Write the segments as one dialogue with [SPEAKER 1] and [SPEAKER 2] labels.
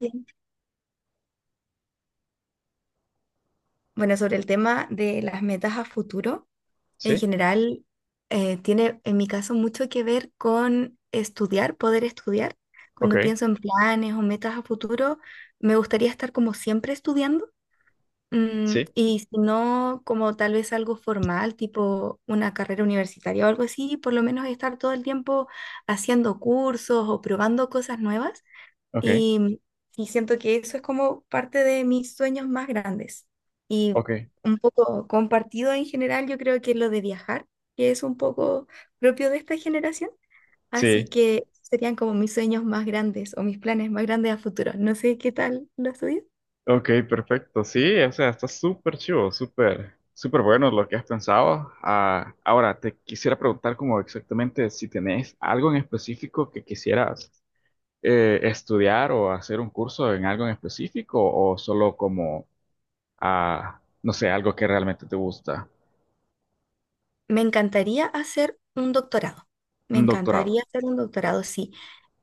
[SPEAKER 1] Bien. Bueno, sobre el tema de las metas a futuro, en
[SPEAKER 2] Sí,
[SPEAKER 1] general, tiene en mi caso mucho que ver con estudiar, poder estudiar.
[SPEAKER 2] ok,
[SPEAKER 1] Cuando pienso en planes o metas a futuro, me gustaría estar como siempre estudiando.
[SPEAKER 2] sí,
[SPEAKER 1] Y si no, como tal vez algo formal, tipo una carrera universitaria o algo así, por lo menos estar todo el tiempo haciendo cursos o probando cosas nuevas.
[SPEAKER 2] ok,
[SPEAKER 1] Y, y siento que eso es como parte de mis sueños más grandes. Y
[SPEAKER 2] ok,
[SPEAKER 1] un poco compartido en general, yo creo que es lo de viajar, que es un poco propio de esta generación.
[SPEAKER 2] sí,
[SPEAKER 1] Así que serían como mis sueños más grandes o mis planes más grandes a futuro. No sé qué tal los tuyos.
[SPEAKER 2] ok, perfecto. Sí, o sea, está súper chivo, súper, súper bueno lo que has pensado. Ah, ahora, te quisiera preguntar como exactamente si tenés algo en específico que quisieras estudiar o hacer un curso en algo en específico o solo como, no sé, algo que realmente te gusta.
[SPEAKER 1] Me encantaría hacer un doctorado. Me
[SPEAKER 2] Un doctorado.
[SPEAKER 1] encantaría hacer un doctorado, sí.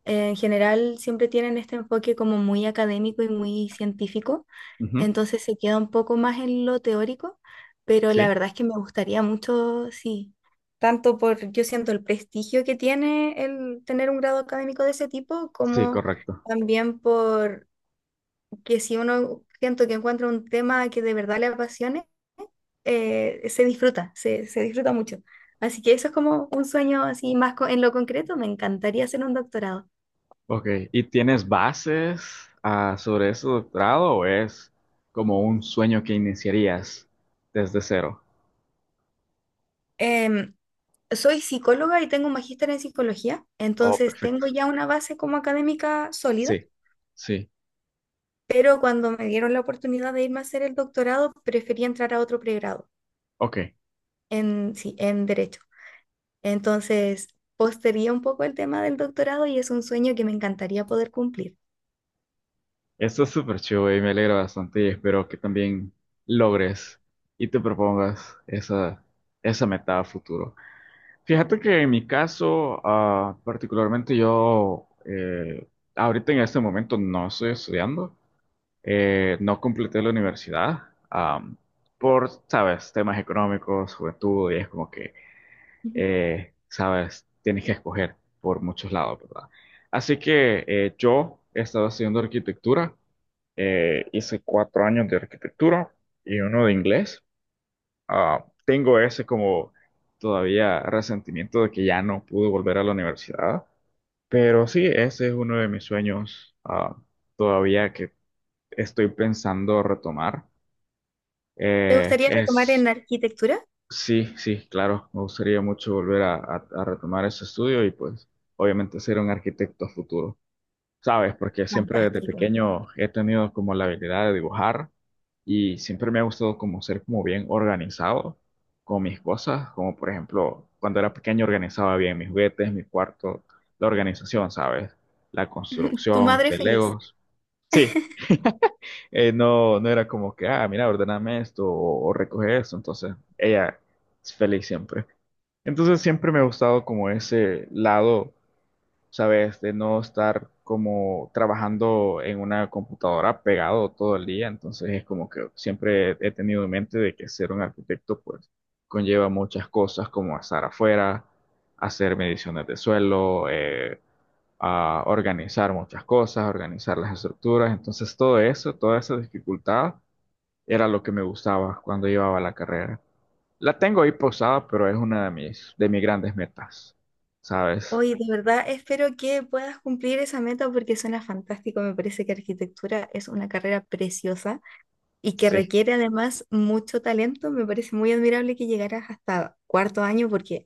[SPEAKER 1] En general siempre tienen este enfoque como muy académico y muy científico,
[SPEAKER 2] Ujú.
[SPEAKER 1] entonces se queda un poco más en lo teórico, pero la
[SPEAKER 2] Sí,
[SPEAKER 1] verdad es que me gustaría mucho, sí, tanto por, yo siento el prestigio que tiene el tener un grado académico de ese tipo,
[SPEAKER 2] sí,
[SPEAKER 1] como
[SPEAKER 2] correcto.
[SPEAKER 1] también por que si uno siento que encuentra un tema que de verdad le apasione, se disfruta, se disfruta mucho. Así que eso es como un sueño así más en lo concreto, me encantaría hacer un doctorado.
[SPEAKER 2] Ok, ¿y tienes bases sobre ese doctorado o es como un sueño que iniciarías desde cero?
[SPEAKER 1] Em, Soy psicóloga y tengo un magíster en psicología,
[SPEAKER 2] Oh,
[SPEAKER 1] entonces
[SPEAKER 2] perfecto.
[SPEAKER 1] tengo ya una base como académica sólida,
[SPEAKER 2] Sí, sí.
[SPEAKER 1] pero cuando me dieron la oportunidad de irme a hacer el doctorado, preferí entrar a otro pregrado
[SPEAKER 2] Ok,
[SPEAKER 1] en, sí, en derecho. Entonces, postergué un poco el tema del doctorado y es un sueño que me encantaría poder cumplir.
[SPEAKER 2] esto es súper chido y me alegra bastante y espero que también logres y te propongas esa, esa meta a futuro. Fíjate que en mi caso, particularmente yo, ahorita en este momento no estoy estudiando. No completé la universidad am, por, sabes, temas económicos, juventud, y es como que,
[SPEAKER 1] Ujú.
[SPEAKER 2] sabes, tienes que escoger por muchos lados, ¿verdad? Así que yo he estado haciendo arquitectura, hice 4 años de arquitectura y uno de inglés. Ah, tengo ese como todavía resentimiento de que ya no pude volver a la universidad, pero sí, ese es uno de mis sueños todavía que estoy pensando retomar.
[SPEAKER 1] ¿Te
[SPEAKER 2] Eh,
[SPEAKER 1] gustaría retomar
[SPEAKER 2] es,
[SPEAKER 1] en arquitectura?
[SPEAKER 2] sí, sí, claro, me gustaría mucho volver a retomar ese estudio y pues obviamente ser un arquitecto a futuro, ¿sabes? Porque siempre desde
[SPEAKER 1] Fantástico.
[SPEAKER 2] pequeño he tenido como la habilidad de dibujar y siempre me ha gustado como ser como bien organizado con mis cosas, como por ejemplo cuando era pequeño organizaba bien mis juguetes, mi cuarto, la organización, ¿sabes? La
[SPEAKER 1] Tu
[SPEAKER 2] construcción
[SPEAKER 1] madre
[SPEAKER 2] de
[SPEAKER 1] feliz.
[SPEAKER 2] Legos. Sí, no, no era como que, ah, mira, ordename esto o recoge esto. Entonces, ella es feliz siempre. Entonces, siempre me ha gustado como ese lado, ¿sabes? De no estar como trabajando en una computadora pegado todo el día. Entonces, es como que siempre he tenido en mente de que ser un arquitecto, pues, conlleva muchas cosas como estar afuera, hacer mediciones de suelo, a organizar muchas cosas, organizar las estructuras. Entonces, todo eso, toda esa dificultad era lo que me gustaba cuando llevaba la carrera. La tengo ahí posada, pero es una de mis grandes metas, ¿sabes?
[SPEAKER 1] Hoy, de verdad, espero que puedas cumplir esa meta porque suena fantástico. Me parece que arquitectura es una carrera preciosa y que
[SPEAKER 2] Sí,
[SPEAKER 1] requiere además mucho talento, me parece muy admirable que llegaras hasta cuarto año porque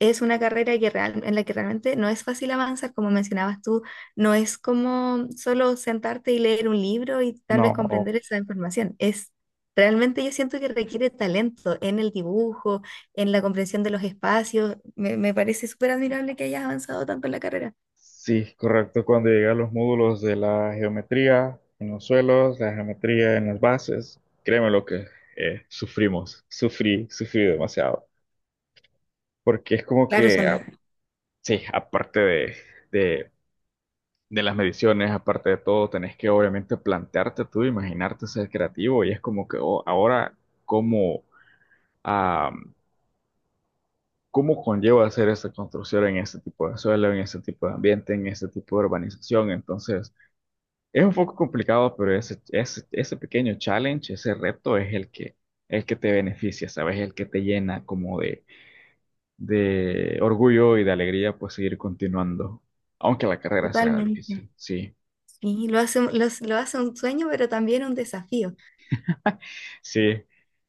[SPEAKER 1] es una carrera que en la que realmente no es fácil avanzar, como mencionabas tú, no es como solo sentarte y leer un libro y tal vez
[SPEAKER 2] no,
[SPEAKER 1] comprender esa información, es realmente yo siento que requiere talento en el dibujo, en la comprensión de los espacios, me parece súper admirable que hayas avanzado tanto en la carrera.
[SPEAKER 2] sí, correcto. Cuando llegué a los módulos de la geometría en los suelos, la geometría en las bases, créeme lo que sufrimos, sufrí, sufrí demasiado. Porque es como
[SPEAKER 1] Claro,
[SPEAKER 2] que,
[SPEAKER 1] son las...
[SPEAKER 2] sí, aparte de, de las mediciones, aparte de todo, tenés que obviamente plantearte tú, imaginarte ser creativo y es como que oh, ahora, ¿cómo? a cómo conlleva hacer esta construcción en este tipo de suelo, en este tipo de ambiente, en este tipo de urbanización. Entonces, es un poco complicado, pero ese pequeño challenge, ese reto es el que te beneficia, ¿sabes? El que te llena como de orgullo y de alegría, pues seguir continuando, aunque la carrera sea difícil.
[SPEAKER 1] Totalmente.
[SPEAKER 2] Sí,
[SPEAKER 1] Sí, lo hace, un- los- lo hace un sueño, pero también un desafío.
[SPEAKER 2] sí.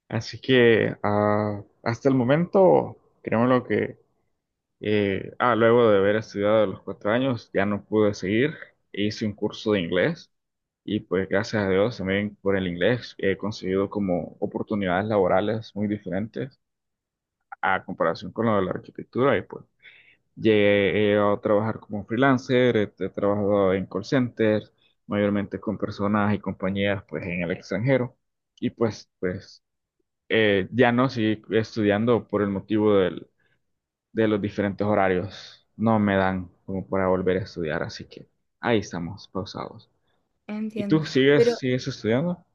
[SPEAKER 2] Así que hasta el momento, créeme lo que... ah, luego de haber estudiado a los 4 años, ya no pude seguir. Hice un curso de inglés y pues gracias a Dios también por el inglés he conseguido como oportunidades laborales muy diferentes a comparación con lo de la arquitectura y pues llegué a trabajar como freelancer, he trabajado en call centers, mayormente con personas y compañías pues en el extranjero y pues ya no seguí estudiando por el motivo de los diferentes horarios no me dan como para volver a estudiar, así que ahí estamos, pausados. ¿Y
[SPEAKER 1] Entiendo.
[SPEAKER 2] tú sigues,
[SPEAKER 1] Pero
[SPEAKER 2] sigues estudiando?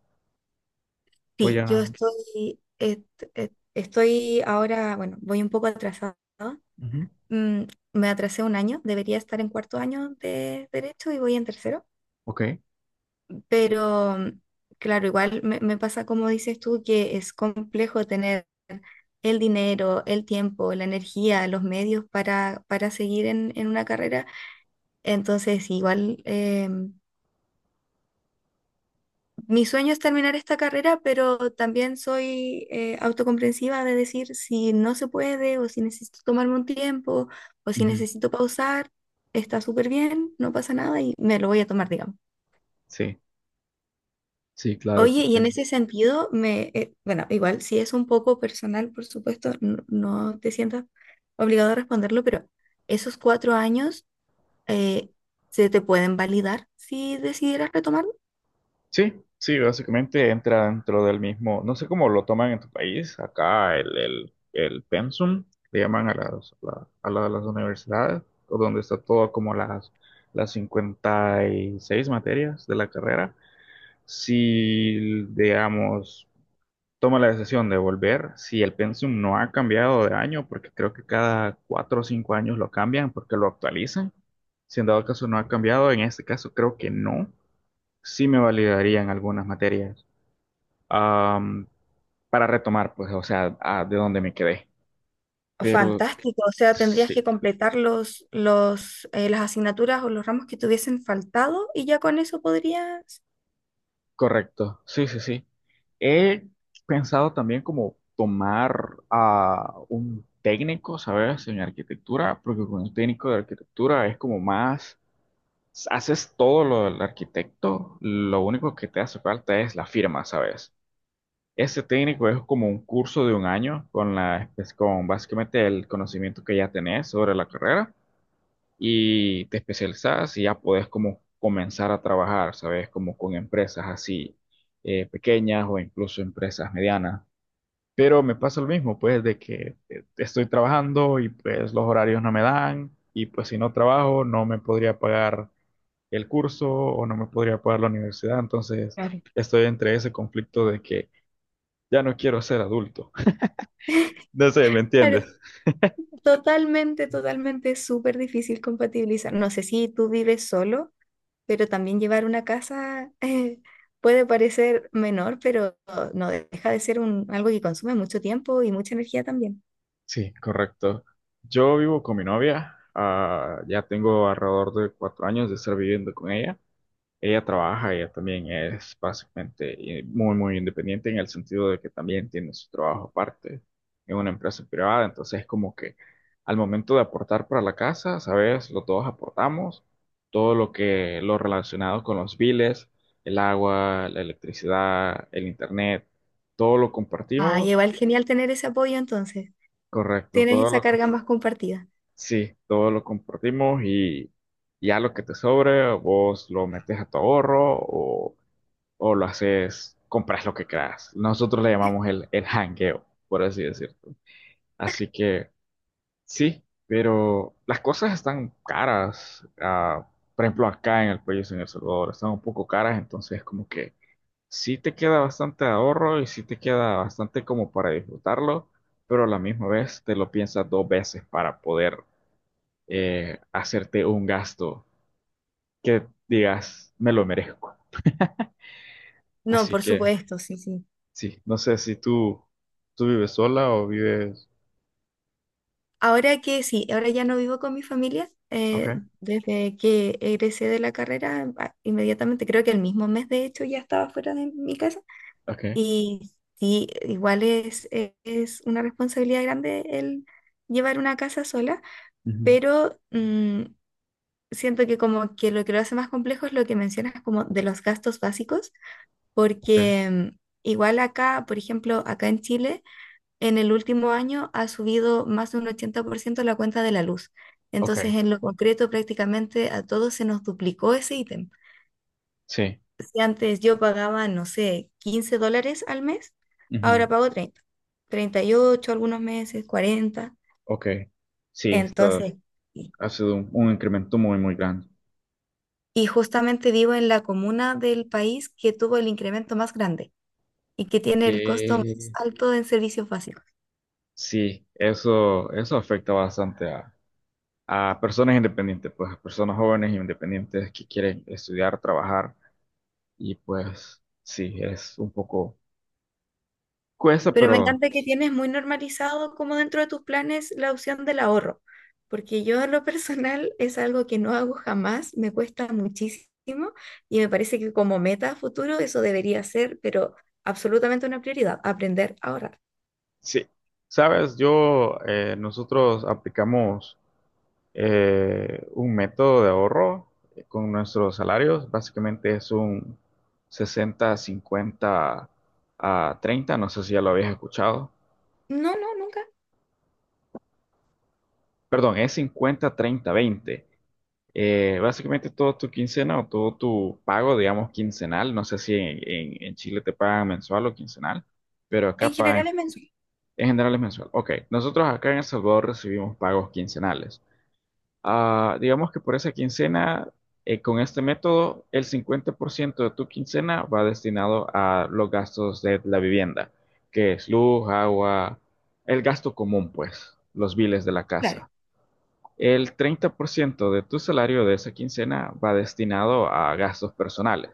[SPEAKER 2] O
[SPEAKER 1] sí, yo
[SPEAKER 2] ya.
[SPEAKER 1] estoy, et- et- estoy ahora, bueno, voy un poco atrasada.
[SPEAKER 2] Ujú.
[SPEAKER 1] Mm, Me atrasé un año, debería estar en cuarto año de derecho y voy en tercero.
[SPEAKER 2] Ok.
[SPEAKER 1] Pero claro, igual me pasa como dices tú, que es complejo tener el dinero, el tiempo, la energía, los medios para seguir en una carrera. Entonces, igual. Mi sueño es terminar esta carrera, pero también soy autocomprensiva de decir si no se puede o si necesito tomarme un tiempo o si
[SPEAKER 2] Ujú.
[SPEAKER 1] necesito pausar, está súper bien, no pasa nada y me lo voy a tomar, digamos.
[SPEAKER 2] Sí, sí, claro, te
[SPEAKER 1] Oye, y en
[SPEAKER 2] entiendo.
[SPEAKER 1] ese sentido, bueno, igual, si es un poco personal, por supuesto, no, no te sientas obligado a responderlo, pero esos cuatro años eh, se te pueden validar si decidieras retomar.
[SPEAKER 2] Sí, sí, básicamente entra dentro del mismo, no sé cómo lo toman en tu país, acá el pensum, le llaman a las, la- a las universidades, o donde está todo como las 56 materias de la carrera. Si, digamos, toma la decisión de volver si el Pensum no ha cambiado de año, porque creo que cada 4 o 5 años lo cambian porque lo actualizan. Si en dado caso no ha cambiado, en este caso creo que no, sí me validarían algunas materias Am, para retomar, pues, o sea, de donde me quedé. Pero
[SPEAKER 1] Fantástico, o sea, tendrías
[SPEAKER 2] sí,
[SPEAKER 1] que completar las asignaturas o los ramos que te hubiesen faltado y ya con eso podrías...
[SPEAKER 2] correcto, sí, sí, sí. He pensado también como tomar a un técnico, ¿sabes? En arquitectura, porque con un técnico de arquitectura es como más. Haces todo lo del arquitecto, lo único que te hace falta es la firma, ¿sabes? Ese técnico es como un curso de un año con básicamente el conocimiento que ya tenés sobre la carrera y te especializas y ya podés como comenzar a trabajar, ¿sabes? Como con empresas así pequeñas o incluso empresas medianas. Pero me pasa lo mismo, pues, de que estoy trabajando y pues los horarios no me dan y pues si no trabajo no me podría pagar el curso o no me podría pagar la universidad, entonces
[SPEAKER 1] Claro.
[SPEAKER 2] estoy entre ese conflicto de que ya no quiero ser adulto. No sé, ¿me entiendes?
[SPEAKER 1] Claro, totalmente, totalmente súper difícil compatibilizar. No sé si tú vives solo, pero también llevar una casa puede parecer menor, pero no deja de ser un, algo que consume mucho tiempo y mucha energía también.
[SPEAKER 2] Sí, correcto. Yo vivo con mi novia, ya tengo alrededor de 4 años de estar viviendo con ella. Ella trabaja, ella también es básicamente muy, muy independiente en el sentido de que también tiene su trabajo aparte en una empresa privada. Entonces es como que al momento de aportar para la casa, ¿sabes? Los dos aportamos todo lo que, lo relacionado con los biles, el agua, la electricidad, el internet, todo lo
[SPEAKER 1] Ah,
[SPEAKER 2] compartimos.
[SPEAKER 1] igual genial tener ese apoyo entonces.
[SPEAKER 2] Correcto,
[SPEAKER 1] Tienes esa carga más compartida.
[SPEAKER 2] sí, todo lo compartimos y ya lo que te sobre, vos lo metes a tu ahorro o lo haces, compras lo que creas. Nosotros le llamamos el hangueo, por así decirlo. Así que sí, pero las cosas están caras. Por ejemplo, acá en el país, en El Salvador, están un poco caras, entonces como que sí te queda bastante ahorro y sí te queda bastante como para disfrutarlo, pero a la misma vez te lo piensas dos veces para poder hacerte un gasto que digas, me lo merezco.
[SPEAKER 1] No,
[SPEAKER 2] Así
[SPEAKER 1] por
[SPEAKER 2] que.
[SPEAKER 1] supuesto, sí, sí.
[SPEAKER 2] Sí, no sé si tú vives sola o vives?
[SPEAKER 1] Ahora que sí, ahora ya no vivo con mi familia.
[SPEAKER 2] Ok,
[SPEAKER 1] Desde que egresé de la carrera, a- inmediatamente, creo que el mismo mes de hecho ya estaba fuera de mi casa.
[SPEAKER 2] ok,
[SPEAKER 1] Y sí, igual es una responsabilidad grande el llevar una casa sola,
[SPEAKER 2] ujú,
[SPEAKER 1] pero siento que como que lo hace más complejo es lo que mencionas como de los gastos básicos,
[SPEAKER 2] ok,
[SPEAKER 1] porque igual acá, por ejemplo, acá en Chile en el último año ha subido más de un 80% la cuenta de la luz. Entonces,
[SPEAKER 2] ok,
[SPEAKER 1] en lo concreto, prácticamente a todos se nos duplicó ese ítem.
[SPEAKER 2] sí,
[SPEAKER 1] Si antes yo pagaba, no sé, $15 al mes,
[SPEAKER 2] ujú,
[SPEAKER 1] ahora pago 30, 38 algunos meses, 40.
[SPEAKER 2] ok, sí, esto
[SPEAKER 1] Entonces, y
[SPEAKER 2] ha sido un incremento muy, muy grande.
[SPEAKER 1] y justamente vivo en la comuna del país que tuvo el incremento más grande y que tiene el costo más
[SPEAKER 2] Que
[SPEAKER 1] alto en servicios básicos.
[SPEAKER 2] sí, eso afecta bastante a personas independientes, pues a personas jóvenes independientes que quieren estudiar, trabajar y pues sí, es un poco cuesta,
[SPEAKER 1] Pero me
[SPEAKER 2] pero
[SPEAKER 1] encanta que tienes muy normalizado como dentro de tus planes la opción del ahorro, porque yo en lo personal es algo que no hago jamás, me cuesta muchísimo y me parece que como meta a futuro eso debería ser, pero absolutamente una prioridad, aprender a ahorrar.
[SPEAKER 2] sí, sabes, nosotros aplicamos un método de ahorro con nuestros salarios. Básicamente es un 60 50 a 30. No sé si ya lo habías escuchado.
[SPEAKER 1] No, no, nunca.
[SPEAKER 2] Perdón, es 50 30 20. Básicamente todo tu quincena o todo tu pago, digamos, quincenal. No sé si en, en Chile te pagan mensual o quincenal, pero
[SPEAKER 1] En
[SPEAKER 2] acá
[SPEAKER 1] general
[SPEAKER 2] pagan,
[SPEAKER 1] es mensual.
[SPEAKER 2] en general es mensual. Ok, nosotros acá en El Salvador recibimos pagos quincenales. Ah, digamos que por esa quincena, con este método, el 50% de tu quincena va destinado a los gastos de la vivienda, que es luz, agua, el gasto común, pues, los biles de la
[SPEAKER 1] Claro,
[SPEAKER 2] casa. El 30% de tu salario de esa quincena va destinado a gastos personales.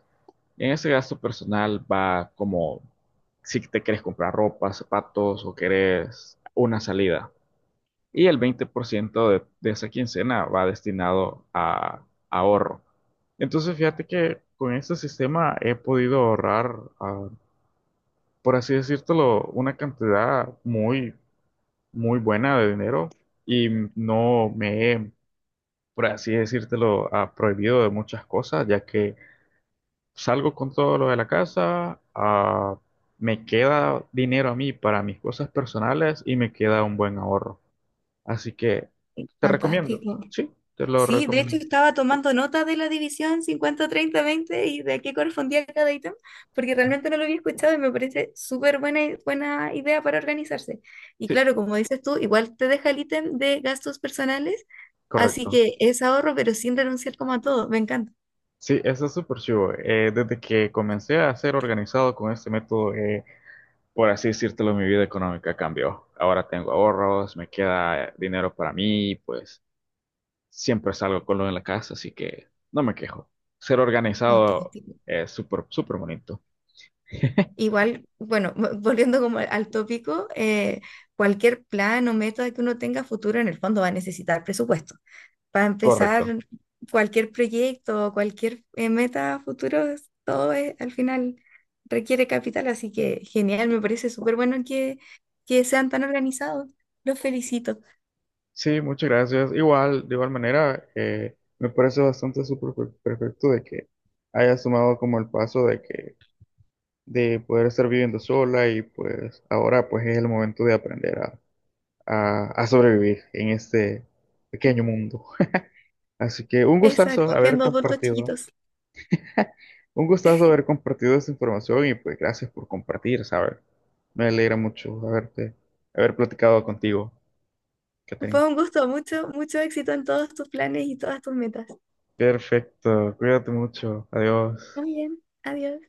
[SPEAKER 2] En ese gasto personal va como si te querés comprar ropa, zapatos o querés una salida y el 20% esa quincena va destinado a ahorro. Entonces, fíjate que con este sistema he podido ahorrar, por así decírtelo, una cantidad muy, muy buena de dinero y no me he, por así decírtelo, prohibido de muchas cosas, ya que salgo con todo lo de la casa, me queda dinero a mí para mis cosas personales y me queda un buen ahorro. Así que te recomiendo.
[SPEAKER 1] fantástico.
[SPEAKER 2] Sí, te lo
[SPEAKER 1] Sí, de hecho
[SPEAKER 2] recomiendo.
[SPEAKER 1] estaba tomando nota de la división 50/30/20 y de a qué correspondía cada ítem, porque realmente no lo había escuchado y me parece súper buena, buena idea para organizarse. Y
[SPEAKER 2] Sí,
[SPEAKER 1] claro, como dices tú, igual te deja el ítem de gastos personales, así
[SPEAKER 2] correcto.
[SPEAKER 1] que es ahorro, pero sin renunciar como a todo. Me encanta.
[SPEAKER 2] Sí, eso es súper chivo. Desde que comencé a ser organizado con este método, por así decírtelo, mi vida económica cambió. Ahora tengo ahorros, me queda dinero para mí, pues siempre salgo con lo en la casa, así que no me quejo. Ser organizado
[SPEAKER 1] Fantástico.
[SPEAKER 2] es súper, súper bonito.
[SPEAKER 1] Igual, bueno, volviendo como al tópico, cualquier plan o método que uno tenga a futuro en el fondo va a necesitar presupuesto. Para empezar
[SPEAKER 2] Correcto.
[SPEAKER 1] cualquier proyecto o cualquier meta a futuro, todo al final requiere capital, así que genial, me parece súper bueno que sean tan organizados. Los felicito.
[SPEAKER 2] Sí, muchas gracias. Igual, de igual manera, me parece bastante súper perfecto de que hayas tomado como el paso de que de poder estar viviendo sola y pues ahora pues es el momento de aprender a sobrevivir en este pequeño mundo. Así que
[SPEAKER 1] Exacto, siendo adultos chiquitos.
[SPEAKER 2] un gustazo haber compartido esta información y pues gracias por compartir, ¿sabes? Me alegra mucho haber platicado contigo, Catherine.
[SPEAKER 1] Fue un gusto, mucho, mucho éxito en todos tus planes y todas tus metas.
[SPEAKER 2] Perfecto, cuídate mucho, adiós.
[SPEAKER 1] Muy bien, adiós.